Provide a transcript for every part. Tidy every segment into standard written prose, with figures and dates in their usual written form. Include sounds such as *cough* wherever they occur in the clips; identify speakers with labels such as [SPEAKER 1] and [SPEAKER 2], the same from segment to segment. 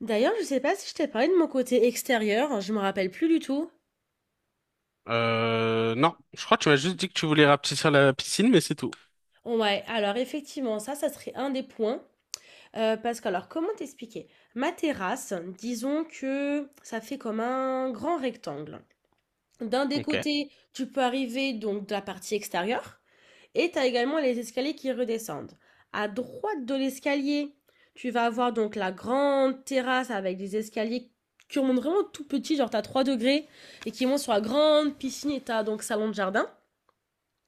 [SPEAKER 1] D'ailleurs, je sais pas si je t'ai parlé de mon côté extérieur, je me rappelle plus du tout.
[SPEAKER 2] Non, je crois que tu m'as juste dit que tu voulais rapetisser la piscine, mais c'est tout.
[SPEAKER 1] Ouais, alors effectivement, ça serait un des points. Parce que, alors, comment t'expliquer? Ma terrasse, disons que ça fait comme un grand rectangle. D'un des
[SPEAKER 2] Ok,
[SPEAKER 1] côtés, tu peux arriver donc de la partie extérieure et tu as également les escaliers qui redescendent. À droite de l'escalier, tu vas avoir donc la grande terrasse avec des escaliers qui montent vraiment tout petits, genre tu as 3 degrés et qui montent sur la grande piscine et tu as donc salon de jardin.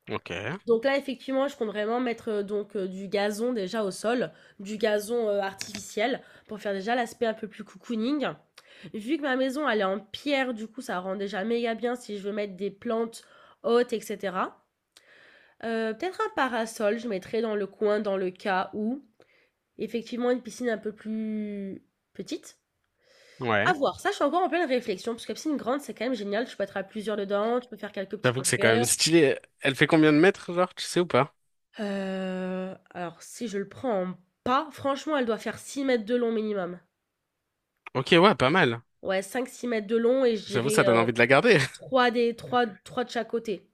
[SPEAKER 2] ok,
[SPEAKER 1] Donc là, effectivement, je compte vraiment mettre donc du gazon déjà au sol, du gazon artificiel pour faire déjà l'aspect un peu plus cocooning. Vu que ma maison elle est en pierre, du coup, ça rend déjà méga bien si je veux mettre des plantes hautes, etc. Peut-être un parasol, je mettrai dans le coin dans le cas où effectivement une piscine un peu plus petite. À
[SPEAKER 2] ouais.
[SPEAKER 1] voir, ça je suis encore en pleine réflexion parce que la piscine grande c'est quand même génial, tu peux être à plusieurs dedans, tu peux faire quelques petites
[SPEAKER 2] J'avoue que c'est quand même
[SPEAKER 1] longueurs.
[SPEAKER 2] stylé. Elle fait combien de mètres, genre, tu sais ou pas?
[SPEAKER 1] Alors si je le prends en pas, franchement, elle doit faire 6 mètres de long minimum.
[SPEAKER 2] Ok, ouais, pas mal.
[SPEAKER 1] Ouais, cinq six mètres de long et je
[SPEAKER 2] J'avoue,
[SPEAKER 1] dirais,
[SPEAKER 2] ça donne envie de la garder. *laughs*
[SPEAKER 1] 3 des 3 3 de chaque côté.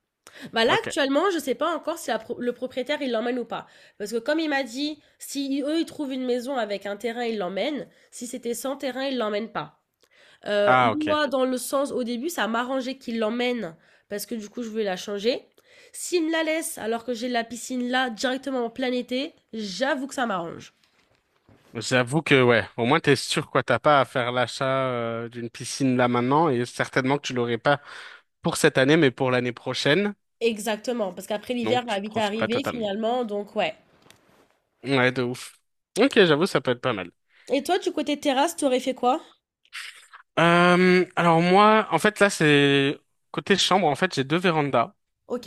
[SPEAKER 1] Bah, là,
[SPEAKER 2] Ok.
[SPEAKER 1] actuellement, je sais pas encore si la pro le propriétaire, il l'emmène ou pas. Parce que comme il m'a dit, si eux, ils trouvent une maison avec un terrain, ils l'emmènent. Si c'était sans terrain, ils l'emmènent pas. Heu,
[SPEAKER 2] Ah, ok.
[SPEAKER 1] Moi, dans le sens, au début, ça m'arrangeait qu'ils l'emmènent parce que, du coup, je voulais la changer. S'ils me la laissent alors que j'ai la piscine là, directement en plein été, j'avoue que ça m'arrange.
[SPEAKER 2] J'avoue que, ouais, au moins t'es sûr, quoi, t'as pas à faire l'achat d'une piscine là maintenant, et certainement que tu l'aurais pas pour cette année, mais pour l'année prochaine.
[SPEAKER 1] Exactement, parce qu'après
[SPEAKER 2] Donc,
[SPEAKER 1] l'hiver
[SPEAKER 2] tu
[SPEAKER 1] va vite
[SPEAKER 2] profites pas
[SPEAKER 1] arriver
[SPEAKER 2] totalement.
[SPEAKER 1] finalement, donc ouais.
[SPEAKER 2] Ouais, de ouf. Ok, j'avoue, ça peut être pas mal.
[SPEAKER 1] Et toi, du côté terrasse, tu aurais fait quoi?
[SPEAKER 2] Alors moi, en fait là c'est côté chambre, en fait j'ai 2 vérandas
[SPEAKER 1] Ok.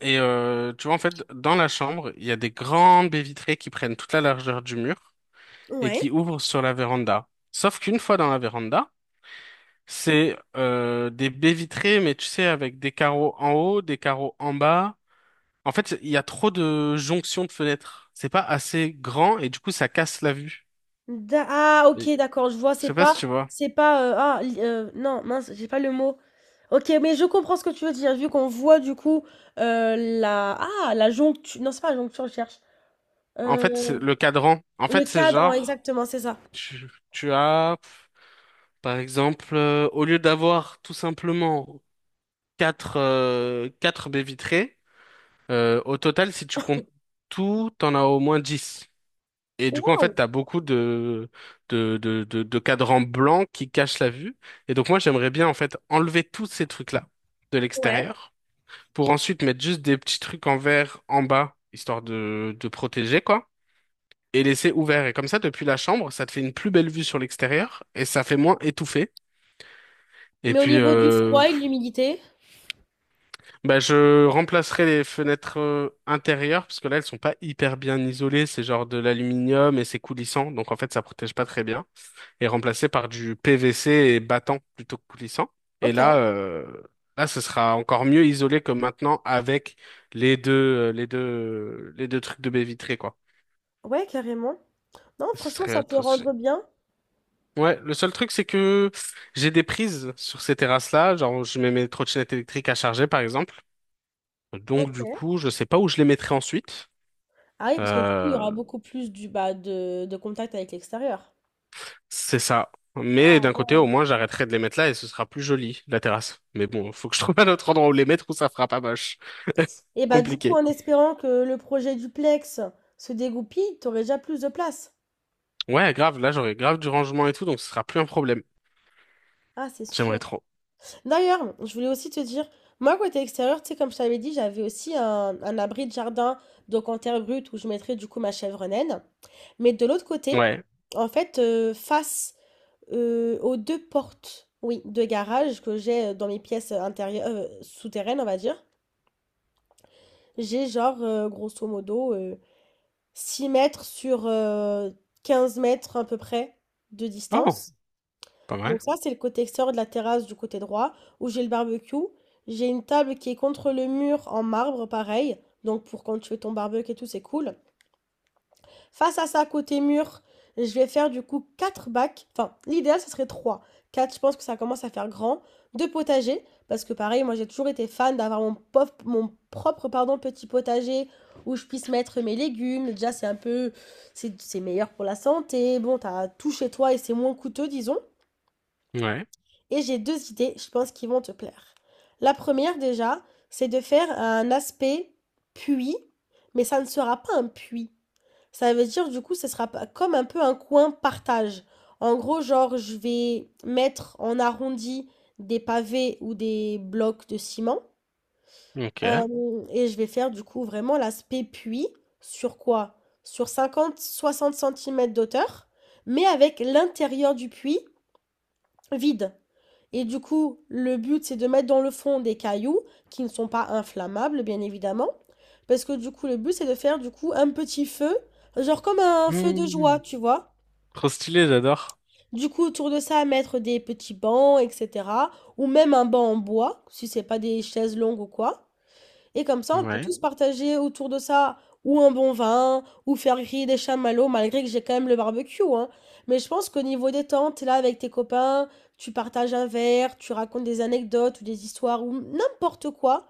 [SPEAKER 2] et tu vois en fait dans la chambre il y a des grandes baies vitrées qui prennent toute la largeur du mur et
[SPEAKER 1] Ouais.
[SPEAKER 2] qui ouvrent sur la véranda. Sauf qu'une fois dans la véranda, c'est des baies vitrées mais tu sais avec des carreaux en haut, des carreaux en bas. En fait il y a trop de jonctions de fenêtres. C'est pas assez grand et du coup ça casse la vue.
[SPEAKER 1] Ah, ok,
[SPEAKER 2] Et-
[SPEAKER 1] d'accord, je vois,
[SPEAKER 2] Je
[SPEAKER 1] c'est
[SPEAKER 2] sais pas si
[SPEAKER 1] pas,
[SPEAKER 2] tu vois.
[SPEAKER 1] c'est pas, ah, non, mince, j'ai pas le mot. Ok, mais je comprends ce que tu veux dire, vu qu'on voit du coup la joncture, non, c'est pas la joncture, je cherche.
[SPEAKER 2] En
[SPEAKER 1] Euh,
[SPEAKER 2] fait c'est le cadran. En
[SPEAKER 1] le
[SPEAKER 2] fait c'est
[SPEAKER 1] cadre,
[SPEAKER 2] genre
[SPEAKER 1] exactement, c'est ça.
[SPEAKER 2] tu, tu as Par exemple, au lieu d'avoir tout simplement quatre quatre baies vitrées, au total, si tu comptes tout, t'en as au moins 10. Et du coup, en fait,
[SPEAKER 1] Waouh!
[SPEAKER 2] t'as beaucoup de cadrans blancs qui cachent la vue. Et donc, moi, j'aimerais bien, en fait, enlever tous ces trucs-là de
[SPEAKER 1] Ouais.
[SPEAKER 2] l'extérieur pour ensuite mettre juste des petits trucs en verre en bas, histoire de protéger, quoi. Et laisser ouvert. Et comme ça, depuis la chambre, ça te fait une plus belle vue sur l'extérieur et ça fait moins étouffé. Et
[SPEAKER 1] Mais au
[SPEAKER 2] puis,
[SPEAKER 1] niveau du froid et de l'humidité?
[SPEAKER 2] bah, je remplacerai les fenêtres intérieures parce que là, elles sont pas hyper bien isolées. C'est genre de l'aluminium et c'est coulissant. Donc, en fait, ça protège pas très bien. Et remplacer par du PVC et battant plutôt que coulissant. Et
[SPEAKER 1] Ok.
[SPEAKER 2] là, euh, là, ce sera encore mieux isolé que maintenant avec les deux trucs de baie vitrée, quoi.
[SPEAKER 1] Ouais, carrément. Non,
[SPEAKER 2] Et ce
[SPEAKER 1] franchement,
[SPEAKER 2] serait
[SPEAKER 1] ça peut
[SPEAKER 2] atroce.
[SPEAKER 1] rendre bien.
[SPEAKER 2] Ouais, le seul truc, c'est que j'ai des prises sur ces terrasses-là. Genre, je mets mes trottinettes électriques à charger, par exemple. Donc,
[SPEAKER 1] Ok.
[SPEAKER 2] du coup, je sais pas où je les mettrai ensuite.
[SPEAKER 1] Ah oui, parce que du coup, il y aura
[SPEAKER 2] Euh,
[SPEAKER 1] beaucoup plus bah, de contact avec l'extérieur.
[SPEAKER 2] c'est ça. Mais
[SPEAKER 1] Ah
[SPEAKER 2] d'un côté,
[SPEAKER 1] ouais.
[SPEAKER 2] au moins, j'arrêterai de les mettre là et ce sera plus joli, la terrasse. Mais bon, faut que je *laughs* trouve un autre endroit où les mettre où ça fera pas moche.
[SPEAKER 1] Et
[SPEAKER 2] *laughs*
[SPEAKER 1] bah du coup,
[SPEAKER 2] Compliqué.
[SPEAKER 1] en espérant que le projet duplex se dégoupille, t'aurais déjà plus de place.
[SPEAKER 2] Ouais, grave, là, j'aurai grave du rangement et tout, donc ce sera plus un problème.
[SPEAKER 1] Ah, c'est
[SPEAKER 2] J'aimerais
[SPEAKER 1] sûr.
[SPEAKER 2] trop.
[SPEAKER 1] D'ailleurs, je voulais aussi te dire, moi, côté extérieur, tu sais, comme je t'avais dit, j'avais aussi un abri de jardin, donc en terre brute, où je mettrais du coup ma chèvre naine. Mais de l'autre côté,
[SPEAKER 2] Ouais.
[SPEAKER 1] en fait, face aux deux portes, oui, de garage que j'ai dans mes pièces intérieures, souterraines, on va dire, j'ai genre, grosso modo, 6 mètres sur 15 mètres à peu près de
[SPEAKER 2] Oh,
[SPEAKER 1] distance.
[SPEAKER 2] pas
[SPEAKER 1] Donc
[SPEAKER 2] mal.
[SPEAKER 1] ça, c'est le côté extérieur de la terrasse du côté droit, où j'ai le barbecue. J'ai une table qui est contre le mur en marbre, pareil. Donc pour quand tu fais ton barbecue et tout, c'est cool. Face à ça, côté mur, je vais faire du coup 4 bacs. Enfin, l'idéal, ce serait 3, 4. Je pense que ça commence à faire grand. Deux potagers, parce que pareil, moi j'ai toujours été fan d'avoir mon propre pardon, petit potager où je puisse mettre mes légumes. Déjà, c'est un peu. C'est meilleur pour la santé. Bon, t'as tout chez toi et c'est moins coûteux, disons.
[SPEAKER 2] Ouais.
[SPEAKER 1] Et j'ai deux idées, je pense, qui vont te plaire. La première, déjà, c'est de faire un aspect puits, mais ça ne sera pas un puits. Ça veut dire, du coup, ce sera pas- comme un peu un coin partage. En gros, genre, je vais mettre en arrondi des pavés ou des blocs de ciment.
[SPEAKER 2] Ok.
[SPEAKER 1] Et je vais faire, du coup, vraiment l'aspect puits. Sur quoi? Sur 50-60 centimètres d'hauteur, mais avec l'intérieur du puits vide. Et du coup, le but, c'est de mettre dans le fond des cailloux qui ne sont pas inflammables, bien évidemment. Parce que du coup, le but, c'est de faire du coup un petit feu, genre comme un feu de joie,
[SPEAKER 2] Hmm.
[SPEAKER 1] tu vois.
[SPEAKER 2] Trop stylé, j'adore.
[SPEAKER 1] Du coup, autour de ça, mettre des petits bancs, etc. Ou même un banc en bois, si c'est pas des chaises longues ou quoi. Et comme ça, on peut
[SPEAKER 2] Ouais.
[SPEAKER 1] tous partager autour de ça ou un bon vin, ou faire griller des chamallows, malgré que j'ai quand même le barbecue, hein. Mais je pense qu'au niveau des tentes, t'es là avec tes copains, tu partages un verre, tu racontes des anecdotes ou des histoires ou n'importe quoi.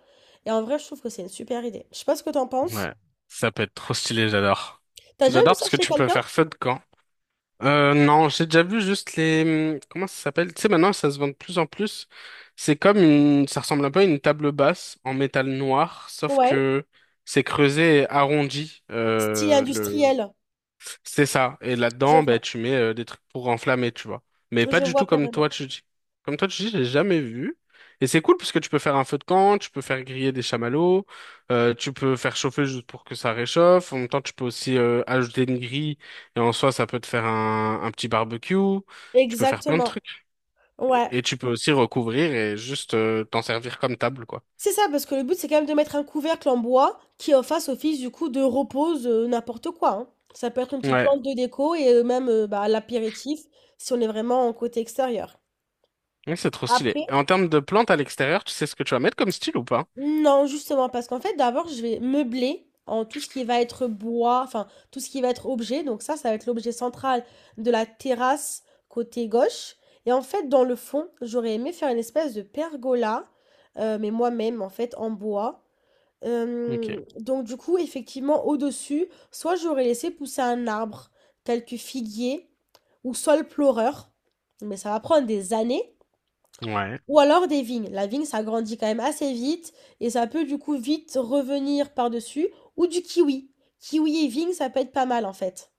[SPEAKER 1] Et en vrai, je trouve que c'est une super idée. Je sais pas ce que t'en penses.
[SPEAKER 2] Ouais. Ça peut être trop stylé, j'adore.
[SPEAKER 1] T'as déjà vu
[SPEAKER 2] J'adore
[SPEAKER 1] ça
[SPEAKER 2] parce que
[SPEAKER 1] chez
[SPEAKER 2] tu peux
[SPEAKER 1] quelqu'un?
[SPEAKER 2] faire feu de camp. Non, j'ai déjà vu juste les… Comment ça s'appelle? Tu sais, maintenant, ça se vend de plus en plus. C'est comme une… Ça ressemble un peu à une table basse en métal noir, sauf
[SPEAKER 1] Ouais.
[SPEAKER 2] que c'est creusé et arrondi,
[SPEAKER 1] Style
[SPEAKER 2] le…
[SPEAKER 1] industriel.
[SPEAKER 2] C'est ça. Et
[SPEAKER 1] Je
[SPEAKER 2] là-dedans, ben,
[SPEAKER 1] vois.
[SPEAKER 2] tu mets des trucs pour enflammer, tu vois. Mais pas
[SPEAKER 1] Je
[SPEAKER 2] du
[SPEAKER 1] vois
[SPEAKER 2] tout comme toi,
[SPEAKER 1] carrément.
[SPEAKER 2] tu dis. Comme toi, tu dis, j'ai jamais vu. Et c'est cool parce que tu peux faire un feu de camp, tu peux faire griller des chamallows, tu peux faire chauffer juste pour que ça réchauffe. En même temps, tu peux aussi ajouter une grille et en soi, ça peut te faire un petit barbecue. Tu peux faire plein de
[SPEAKER 1] Exactement.
[SPEAKER 2] trucs.
[SPEAKER 1] Ouais.
[SPEAKER 2] Et tu peux aussi recouvrir et juste t'en servir comme table, quoi.
[SPEAKER 1] C'est ça, parce que le but, c'est quand même de mettre un couvercle en bois qui en fasse office du coup de repose, n'importe quoi, hein. Ça peut être une petite
[SPEAKER 2] Ouais.
[SPEAKER 1] plante de déco et même, bah, l'apéritif si on est vraiment en côté extérieur.
[SPEAKER 2] Ouais, c'est trop stylé.
[SPEAKER 1] Après
[SPEAKER 2] Et en termes de plantes à l'extérieur, tu sais ce que tu vas mettre comme style ou pas?
[SPEAKER 1] non, justement, parce qu'en fait, d'abord, je vais meubler en tout ce qui va être bois, enfin, tout ce qui va être objet, donc ça va être l'objet central de la terrasse côté gauche et en fait, dans le fond, j'aurais aimé faire une espèce de pergola, mais moi-même, en fait, en bois.
[SPEAKER 2] Ok.
[SPEAKER 1] Donc du coup, effectivement, au-dessus, soit j'aurais laissé pousser un arbre, tel que figuier ou saule pleureur, mais ça va prendre des années,
[SPEAKER 2] Ouais.
[SPEAKER 1] ou alors des vignes. La vigne, ça grandit quand même assez vite et ça peut du coup vite revenir par-dessus, ou du kiwi. Kiwi et vigne, ça peut être pas mal en fait.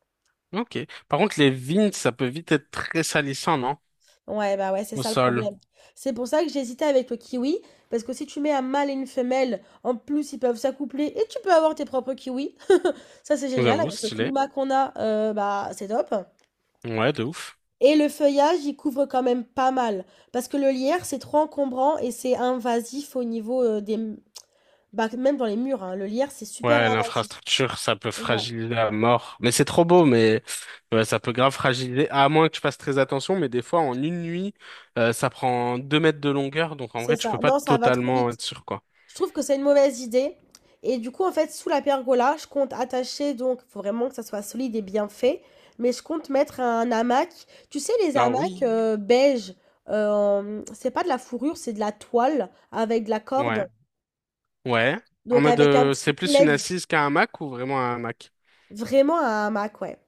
[SPEAKER 2] Ok. Par contre, les vignes, ça peut vite être très salissant, non?
[SPEAKER 1] Ouais, bah ouais, c'est
[SPEAKER 2] Au
[SPEAKER 1] ça le
[SPEAKER 2] sol.
[SPEAKER 1] problème. C'est pour ça que j'hésitais avec le kiwi, parce que si tu mets un mâle et une femelle, en plus ils peuvent s'accoupler et tu peux avoir tes propres kiwis. *laughs* Ça c'est génial,
[SPEAKER 2] J'avoue,
[SPEAKER 1] avec le
[SPEAKER 2] stylé.
[SPEAKER 1] climat qu'on a, bah c'est top.
[SPEAKER 2] Ouais, de ouf.
[SPEAKER 1] Et le feuillage, il couvre quand même pas mal, parce que le lierre, c'est trop encombrant et c'est invasif au niveau des... Bah, même dans les murs, hein, le lierre, c'est super
[SPEAKER 2] Ouais,
[SPEAKER 1] invasif.
[SPEAKER 2] l'infrastructure, ça peut
[SPEAKER 1] Ouais,
[SPEAKER 2] fragiliser à mort. Mais c'est trop beau, mais ouais, ça peut grave fragiliser, à moins que tu fasses très attention. Mais des fois, en une nuit, ça prend 2 mètres de longueur. Donc, en
[SPEAKER 1] c'est
[SPEAKER 2] vrai, tu peux
[SPEAKER 1] ça.
[SPEAKER 2] pas
[SPEAKER 1] Non, ça va trop
[SPEAKER 2] totalement
[SPEAKER 1] vite.
[SPEAKER 2] être sûr, quoi.
[SPEAKER 1] Je trouve que c'est une mauvaise idée. Et du coup, en fait, sous la pergola, je compte attacher, donc, il faut vraiment que ça soit solide et bien fait. Mais je compte mettre un hamac. Tu sais, les
[SPEAKER 2] Ah
[SPEAKER 1] hamacs
[SPEAKER 2] oui.
[SPEAKER 1] beige, c'est pas de la fourrure, c'est de la toile avec de la
[SPEAKER 2] Ouais.
[SPEAKER 1] corde.
[SPEAKER 2] Ouais. En
[SPEAKER 1] Donc,
[SPEAKER 2] mode,
[SPEAKER 1] avec un petit
[SPEAKER 2] c'est plus une
[SPEAKER 1] plaid,
[SPEAKER 2] assise qu'un hamac ou vraiment un hamac?
[SPEAKER 1] vraiment un hamac, ouais.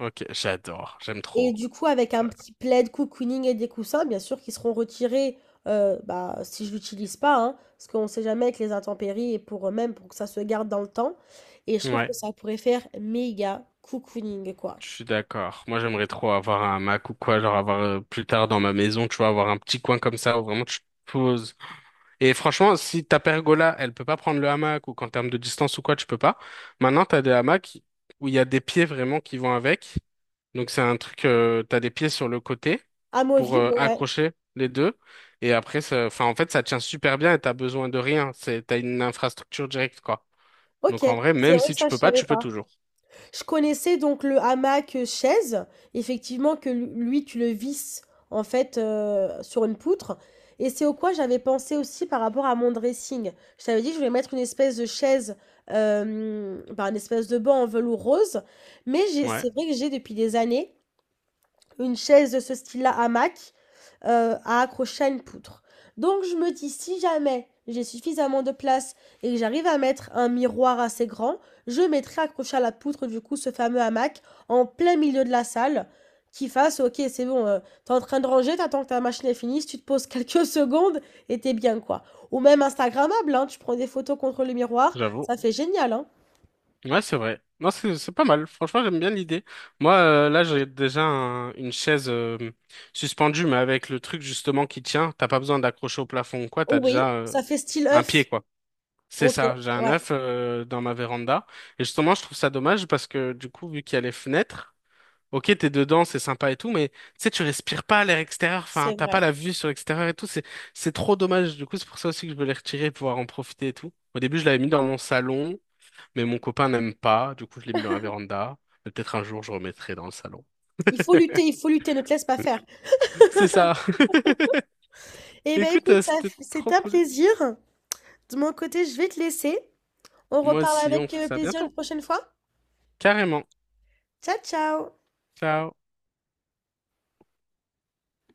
[SPEAKER 2] Ok, j'adore. J'aime trop.
[SPEAKER 1] Et du coup, avec un petit plaid, cocooning et des coussins, bien sûr, qui seront retirés bah, si je l'utilise pas, hein, parce qu'on ne sait jamais avec les intempéries et pour eux même pour que ça se garde dans le temps. Et je trouve
[SPEAKER 2] Ouais.
[SPEAKER 1] que ça pourrait faire méga cocooning, quoi.
[SPEAKER 2] Je suis d'accord. Moi, j'aimerais trop avoir un Mac ou quoi, genre avoir plus tard dans ma maison, tu vois, avoir un petit coin comme ça où vraiment tu te poses. Et franchement, si ta pergola, elle peut pas prendre le hamac ou qu'en termes de distance ou quoi, tu peux pas. Maintenant, t'as des hamacs où il y a des pieds vraiment qui vont avec. Donc c'est un truc, t'as des pieds sur le côté pour
[SPEAKER 1] Amovible, ouais.
[SPEAKER 2] accrocher les deux. Et après, enfin, en fait, ça tient super bien et t'as besoin de rien. C'est, t'as une infrastructure directe, quoi.
[SPEAKER 1] Ok,
[SPEAKER 2] Donc en vrai,
[SPEAKER 1] c'est
[SPEAKER 2] même
[SPEAKER 1] vrai
[SPEAKER 2] si
[SPEAKER 1] que
[SPEAKER 2] tu
[SPEAKER 1] ça, je
[SPEAKER 2] peux pas,
[SPEAKER 1] savais
[SPEAKER 2] tu peux
[SPEAKER 1] pas.
[SPEAKER 2] toujours.
[SPEAKER 1] Je connaissais donc le hamac chaise, effectivement que lui tu le visses en fait sur une poutre. Et c'est au quoi j'avais pensé aussi par rapport à mon dressing. Je t'avais dit que je voulais mettre une espèce de chaise, bah, une espèce de banc en velours rose.
[SPEAKER 2] Ouais,
[SPEAKER 1] C'est vrai que j'ai depuis des années une chaise de ce style-là, hamac, à accrocher à une poutre. Donc je me dis, si jamais j'ai suffisamment de place et que j'arrive à mettre un miroir assez grand, je mettrai accroché à la poutre, du coup, ce fameux hamac en plein milieu de la salle qui fasse, ok, c'est bon, t'es en train de ranger, t'attends que ta machine est finie, si tu te poses *laughs* quelques secondes et t'es bien, quoi. Ou même Instagrammable, hein, tu prends des photos contre le miroir,
[SPEAKER 2] j'avoue.
[SPEAKER 1] ça fait génial, hein.
[SPEAKER 2] Ouais, c'est vrai. Non, c'est pas mal. Franchement, j'aime bien l'idée. Moi, là, j'ai déjà une chaise suspendue, mais avec le truc justement qui tient. T'as pas besoin d'accrocher au plafond ou quoi. T'as
[SPEAKER 1] Oh oui,
[SPEAKER 2] déjà
[SPEAKER 1] ça fait style
[SPEAKER 2] un
[SPEAKER 1] œuf.
[SPEAKER 2] pied, quoi. C'est
[SPEAKER 1] Ok,
[SPEAKER 2] ça. J'ai un
[SPEAKER 1] ouais,
[SPEAKER 2] œuf dans ma véranda. Et justement, je trouve ça dommage parce que du coup, vu qu'il y a les fenêtres. Ok, t'es dedans, c'est sympa et tout, mais tu sais, tu respires pas à l'air extérieur, enfin,
[SPEAKER 1] c'est
[SPEAKER 2] t'as pas
[SPEAKER 1] vrai.
[SPEAKER 2] la vue sur l'extérieur et tout, c'est trop dommage. Du coup, c'est pour ça aussi que je veux les retirer et pouvoir en profiter et tout. Au début, je l'avais mis dans mon salon, mais mon copain n'aime pas, du coup, je l'ai mis dans la véranda. Mais peut-être un jour, je remettrai dans le salon.
[SPEAKER 1] Il faut lutter, ne te laisse pas faire.
[SPEAKER 2] *laughs* C'est ça. *laughs*
[SPEAKER 1] Eh ben
[SPEAKER 2] Écoute,
[SPEAKER 1] écoute, ça,
[SPEAKER 2] c'était
[SPEAKER 1] c'est
[SPEAKER 2] trop
[SPEAKER 1] un
[SPEAKER 2] cool.
[SPEAKER 1] plaisir. De mon côté, je vais te laisser. On
[SPEAKER 2] Moi
[SPEAKER 1] reparle
[SPEAKER 2] aussi, on
[SPEAKER 1] avec
[SPEAKER 2] fait ça
[SPEAKER 1] plaisir une
[SPEAKER 2] bientôt.
[SPEAKER 1] prochaine fois.
[SPEAKER 2] Carrément.
[SPEAKER 1] Ciao, ciao!
[SPEAKER 2] Ciao.